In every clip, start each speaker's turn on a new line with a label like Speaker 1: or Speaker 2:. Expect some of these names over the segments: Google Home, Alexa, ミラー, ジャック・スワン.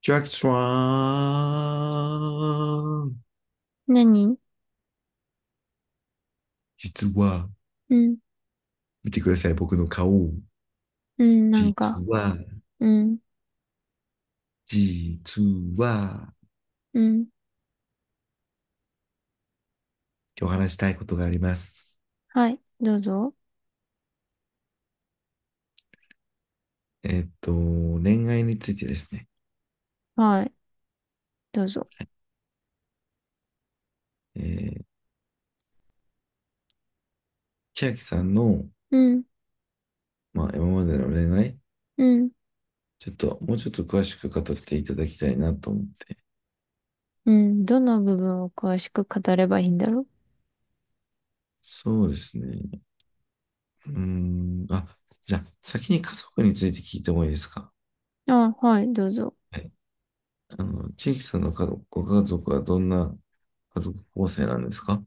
Speaker 1: ジャック・スワン。
Speaker 2: 何？
Speaker 1: 実は、
Speaker 2: うん。
Speaker 1: 見てください、僕の顔。
Speaker 2: うん、なん
Speaker 1: 実
Speaker 2: か、
Speaker 1: は、
Speaker 2: うん、
Speaker 1: 実は、
Speaker 2: うん。
Speaker 1: 今日話したいことがあります。
Speaker 2: はい、どうぞ。
Speaker 1: 恋愛についてですね。
Speaker 2: はい、どうぞ。
Speaker 1: えー、千秋さんの、
Speaker 2: うん、
Speaker 1: まあ、今までの恋愛、
Speaker 2: うん、
Speaker 1: ちょっと、もうちょっと詳しく語っていただきたいなと思って。
Speaker 2: うん。どの部分を詳しく語ればいいんだろ
Speaker 1: そうですね。うーん、あ、じゃあ、先に家族について聞いてもいいですか？
Speaker 2: う。あ、はい、どうぞ。
Speaker 1: はい。あの、千秋さんの家族、ご家族はどんな家族構成なんですか？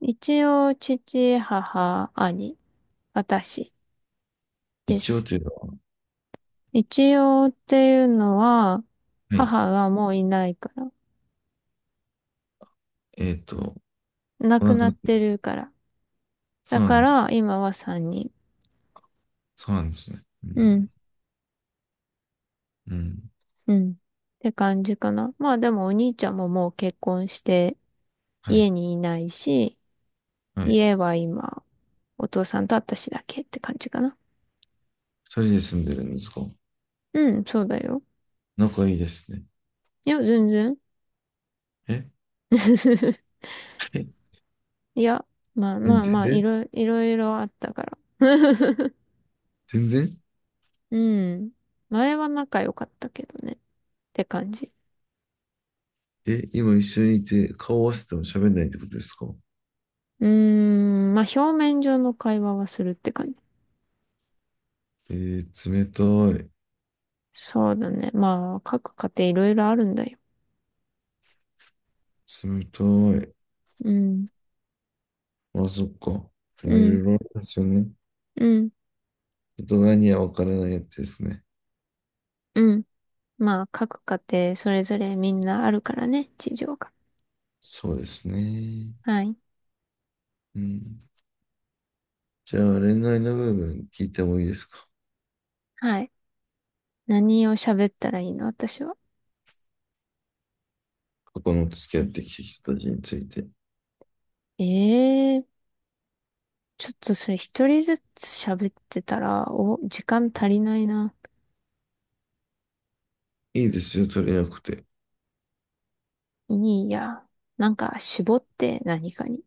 Speaker 2: 一応、父、母、兄、私で
Speaker 1: 一応
Speaker 2: す。
Speaker 1: というのは？
Speaker 2: 一応っていうのは、
Speaker 1: はい。
Speaker 2: 母がもういないから。
Speaker 1: えっと、
Speaker 2: 亡
Speaker 1: お
Speaker 2: く
Speaker 1: 亡く
Speaker 2: なっ
Speaker 1: なり、
Speaker 2: てるから。
Speaker 1: そ
Speaker 2: だ
Speaker 1: うな
Speaker 2: か
Speaker 1: んです。
Speaker 2: ら、今は三人。
Speaker 1: そうなんですね。うん。
Speaker 2: うん、
Speaker 1: うん。
Speaker 2: うん。って感じかな。まあでもお兄ちゃんももう結婚して、
Speaker 1: はい。
Speaker 2: 家にいないし、
Speaker 1: はい。
Speaker 2: 家は今、お父さんと私だけって感じかな。
Speaker 1: 二人で住んでるんですか？
Speaker 2: うん、そうだよ。
Speaker 1: 仲いいですね。
Speaker 2: いや、全然。
Speaker 1: え？
Speaker 2: いや、まあ
Speaker 1: 全
Speaker 2: まあ
Speaker 1: 然
Speaker 2: まあ、い
Speaker 1: え
Speaker 2: ろ、いろいろあったから。
Speaker 1: 全然
Speaker 2: うん。前は仲良かったけどね。って感じ。
Speaker 1: え、今一緒にいて顔合わせても喋んないってことですか？
Speaker 2: うーん、まあ表面上の会話はするって感じ。
Speaker 1: えー、冷たい。
Speaker 2: そうだね。まあ、各家庭いろいろあるんだよ。
Speaker 1: 冷たい。
Speaker 2: うん、
Speaker 1: あ、そっか。
Speaker 2: う
Speaker 1: まあ、いろ
Speaker 2: ん、
Speaker 1: いろあるんですよね。
Speaker 2: うん、
Speaker 1: 外側には分からないやつですね。
Speaker 2: うん。まあ、各家庭それぞれみんなあるからね、事情が。
Speaker 1: そうですね。
Speaker 2: はい、
Speaker 1: うん。じゃあ、恋愛の部分聞いてもいいですか？
Speaker 2: はい。何を喋ったらいいの私は。
Speaker 1: 過去の付き合ってきた人たちについて。
Speaker 2: ええー、ちょっとそれ一人ずつ喋ってたら、お、時間足りないな。
Speaker 1: いいですよ、取れなくて。
Speaker 2: いいや。なんか絞って何かに。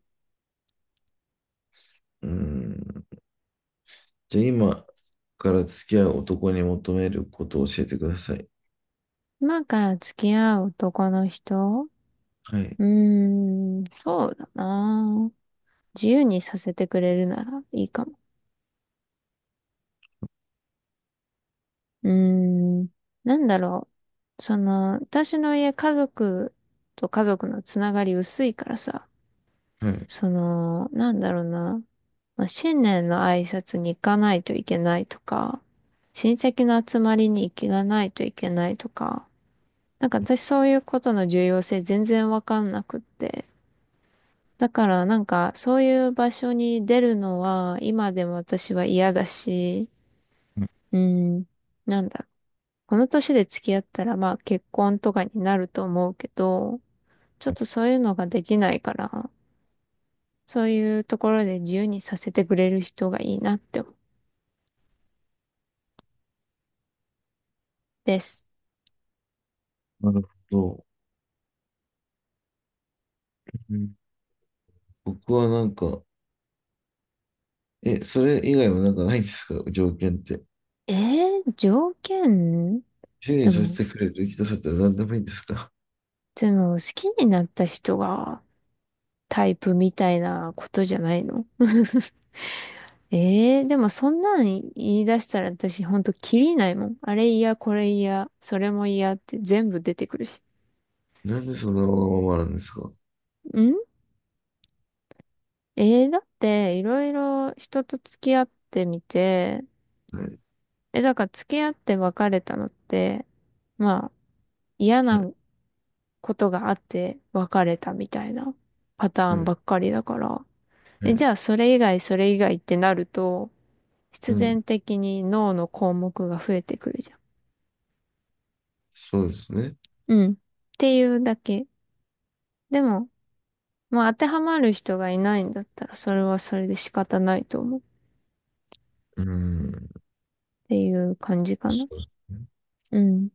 Speaker 1: うん。じゃあ、今から付き合う男に求めることを教えてください。
Speaker 2: 今から付き合う男の人。
Speaker 1: はい。
Speaker 2: うーん、そうだな。自由にさせてくれるならいいかも。うーん、なんだろう。その、私の家族と家族のつながり薄いからさ、
Speaker 1: はい。はい。
Speaker 2: その、なんだろうな。まあ、新年の挨拶に行かないといけないとか、親戚の集まりに行かないといけないとか、なんか私そういうことの重要性全然わかんなくって。だからなんかそういう場所に出るのは今でも私は嫌だし、うん、なんだろう。この年で付き合ったらまあ結婚とかになると思うけど、ちょっとそういうのができないから、そういうところで自由にさせてくれる人がいいなって思うです。
Speaker 1: なるほど。うん。僕はなんか、え、それ以外はなんかないんですか、条件って。
Speaker 2: え条件？
Speaker 1: 主に
Speaker 2: で
Speaker 1: さ
Speaker 2: も、
Speaker 1: せてくれる人だったら何でもいいんですか？
Speaker 2: でも好きになった人がタイプみたいなことじゃないの？でもそんなん言い出したら私ほんとキリないもん。あれ嫌、これ嫌、それも嫌って全部出てくるし。
Speaker 1: なんでそんなわがままなんですか？
Speaker 2: んだっていろいろ人と付き合ってみて、
Speaker 1: はい、
Speaker 2: え、だから付き合って別れたのって、まあ嫌
Speaker 1: はい、
Speaker 2: なことがあって別れたみたいなパタ
Speaker 1: は
Speaker 2: ーンば
Speaker 1: い、
Speaker 2: っかりだから。
Speaker 1: は
Speaker 2: え、じ
Speaker 1: い。
Speaker 2: ゃあ、それ以外ってなると、必
Speaker 1: うん。
Speaker 2: 然的に脳の項目が増えてくるじゃん。
Speaker 1: そうですね。
Speaker 2: うん。っていうだけ。でも、まあ、当てはまる人がいないんだったら、それはそれで仕方ないと思う。っ
Speaker 1: うん。
Speaker 2: ていう感じかな。
Speaker 1: そうですね。
Speaker 2: うん。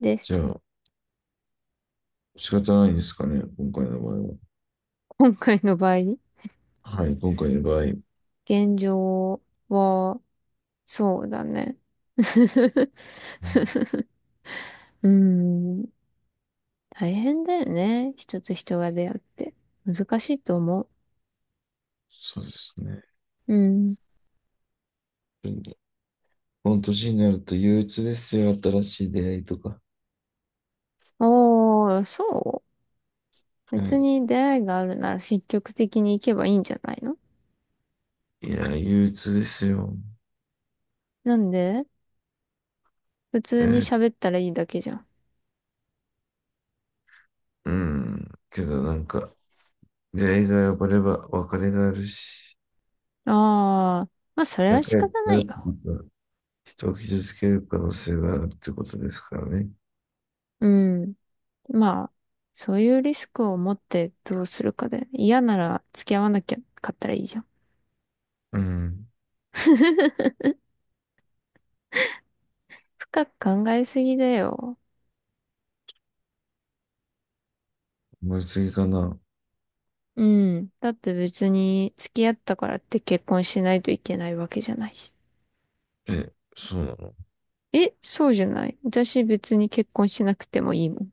Speaker 2: で
Speaker 1: じ
Speaker 2: す。
Speaker 1: ゃあ、仕方ないですかね、今回の場合は。
Speaker 2: 今回の場合、
Speaker 1: はい、今回の場合。うん。
Speaker 2: 現状は、そうだね。うん。大変だよね。人と人が出会って。難しいと思
Speaker 1: そうですね。
Speaker 2: う。うん。
Speaker 1: うん。この年になると憂鬱ですよ、新しい出会いとか。
Speaker 2: ああ、そう。
Speaker 1: は
Speaker 2: 別
Speaker 1: い。
Speaker 2: に出会いがあるなら積極的に行けばいいんじゃないの？
Speaker 1: いや、憂鬱ですよ。
Speaker 2: なんで？普
Speaker 1: え
Speaker 2: 通に
Speaker 1: ー、
Speaker 2: 喋ったらいいだけじゃん。
Speaker 1: うん。けどなんか、出会いが破れば別れがあるし、
Speaker 2: ああ、まあそれは
Speaker 1: 仲
Speaker 2: 仕
Speaker 1: 良く
Speaker 2: 方な
Speaker 1: なる
Speaker 2: い
Speaker 1: って
Speaker 2: よ。
Speaker 1: ことは、人を傷つける可能性があるってことですからね。
Speaker 2: うん。まあ、そういうリスクを持ってどうするかで、嫌なら付き合わなきゃかったらいいじゃん。
Speaker 1: うん。
Speaker 2: 深く考えすぎだよ。
Speaker 1: 思い過ぎかな。
Speaker 2: うん。だって別に付き合ったからって結婚しないといけないわけじゃないし。
Speaker 1: え、そうなの？
Speaker 2: え、そうじゃない。私別に結婚しなくてもいいもん。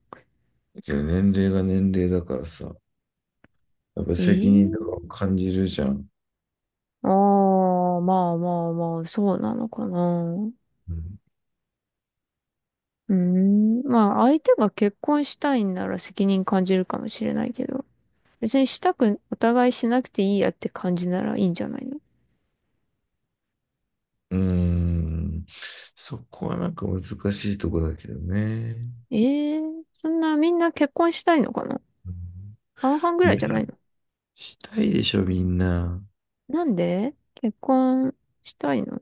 Speaker 1: けど年齢が年齢だからさ、やっぱ
Speaker 2: え
Speaker 1: 責任とかを
Speaker 2: え。
Speaker 1: 感じるじゃん。
Speaker 2: ああ、まあまあまあ、そうなのかな。う
Speaker 1: うん。
Speaker 2: ーん。まあ、相手が結婚したいんなら責任感じるかもしれないけど、別にしたく、お互いしなくていいやって感じならいいんじゃないの？
Speaker 1: うーん。そこはなんか難しいとこだけどね。
Speaker 2: ええー、そんなみんな結婚したいのかな？
Speaker 1: うん。
Speaker 2: 半々ぐ
Speaker 1: い
Speaker 2: ら
Speaker 1: や、
Speaker 2: いじゃないの？
Speaker 1: したいでしょ、みんな。
Speaker 2: なんで結婚したいの？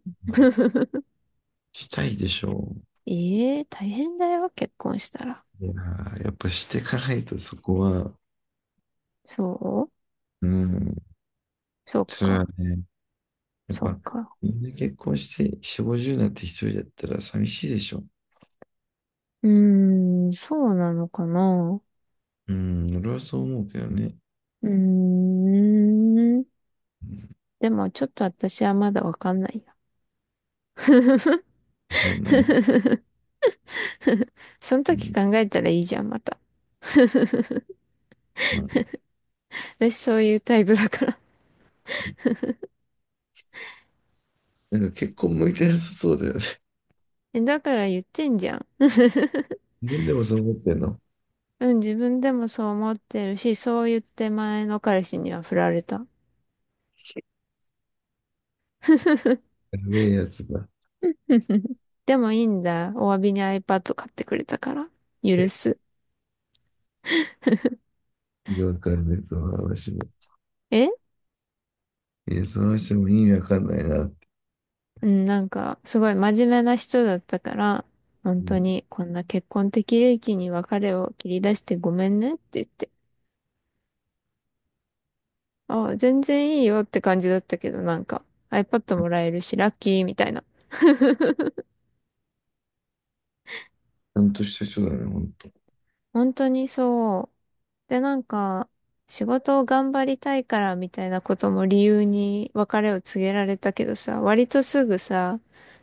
Speaker 1: したいでしょ。
Speaker 2: ええー、大変だよ、結婚したら。
Speaker 1: いやー、やっぱしていかないとそこは、
Speaker 2: そ
Speaker 1: うん、
Speaker 2: う。そっ
Speaker 1: それは
Speaker 2: か、
Speaker 1: ね、やっ
Speaker 2: そっ
Speaker 1: ぱ
Speaker 2: か。
Speaker 1: みんな結婚して4、50になって一人だったら寂しいでしょ。
Speaker 2: うーん、そうなのかな。
Speaker 1: うん、俺はそう思うけどね。
Speaker 2: うーん。でもちょっと私はまだわかんないな。
Speaker 1: わかんない。
Speaker 2: その
Speaker 1: う
Speaker 2: 時
Speaker 1: ん、
Speaker 2: 考えたらいいじゃん、また。
Speaker 1: まあ、
Speaker 2: 私そういうタイプだから。
Speaker 1: なんか結婚向いてなさそうだよね。
Speaker 2: え、だから言ってんじゃん。
Speaker 1: 自分でもそう思ってんの？
Speaker 2: うん、自分でもそう思ってるし、そう言って前の彼氏には振られた。
Speaker 1: やべえやつだ。
Speaker 2: でもいいんだ。お詫びに iPad 買ってくれたから。許す。
Speaker 1: わかんない、その話も。
Speaker 2: え。
Speaker 1: いや、その話も意味わかんないなって。
Speaker 2: うん、なんか、すごい真面目な人だったから、本
Speaker 1: う
Speaker 2: 当
Speaker 1: ん、ち
Speaker 2: に、こんな結婚的利益に別れを切り出してごめんねって言って。あ、全然いいよって感じだったけど、なんか iPad もらえるし、ラッキーみたいな。
Speaker 1: ゃんとした人だね、ほんと。
Speaker 2: 本当にそう。で、なんか、仕事を頑張りたいからみたいなことも理由に別れを告げられたけどさ、割とすぐさ、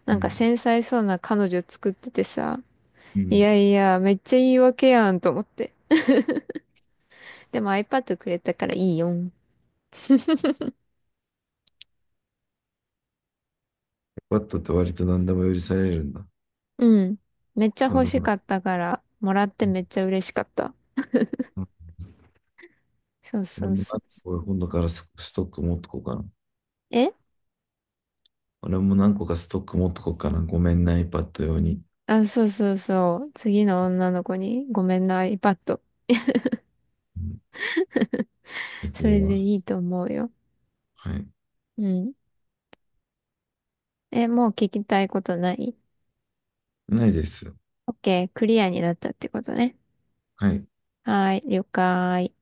Speaker 2: な
Speaker 1: う
Speaker 2: んか
Speaker 1: ん。
Speaker 2: 繊細そうな彼女作っててさ、
Speaker 1: う
Speaker 2: い
Speaker 1: ん。
Speaker 2: やいや、めっちゃ言い訳やんと思って。でも iPad くれたからいいよん。
Speaker 1: バッ d って割と何でも許されるんだ。
Speaker 2: うん。めっちゃ欲
Speaker 1: 俺
Speaker 2: し
Speaker 1: も、
Speaker 2: かったから、もらって
Speaker 1: うん、
Speaker 2: めっちゃ嬉しかった。
Speaker 1: そう。
Speaker 2: そう
Speaker 1: 俺
Speaker 2: そう
Speaker 1: も
Speaker 2: そ
Speaker 1: 何
Speaker 2: うそ
Speaker 1: 個か
Speaker 2: う。
Speaker 1: 今度からスストック持っとこうかな。
Speaker 2: え
Speaker 1: 俺も何個かストック持っとこうかな。ごめんな、iPad 用に。
Speaker 2: あ、そうそうそう。次の女の子に、ごめんな、iPad。
Speaker 1: うん、やって
Speaker 2: そ
Speaker 1: み
Speaker 2: れで
Speaker 1: ます。
Speaker 2: いいと思うよ。
Speaker 1: はい。
Speaker 2: うん。え、もう聞きたいことない？
Speaker 1: ないです。
Speaker 2: OK、クリアになったってことね。
Speaker 1: はい。
Speaker 2: はーい、了解。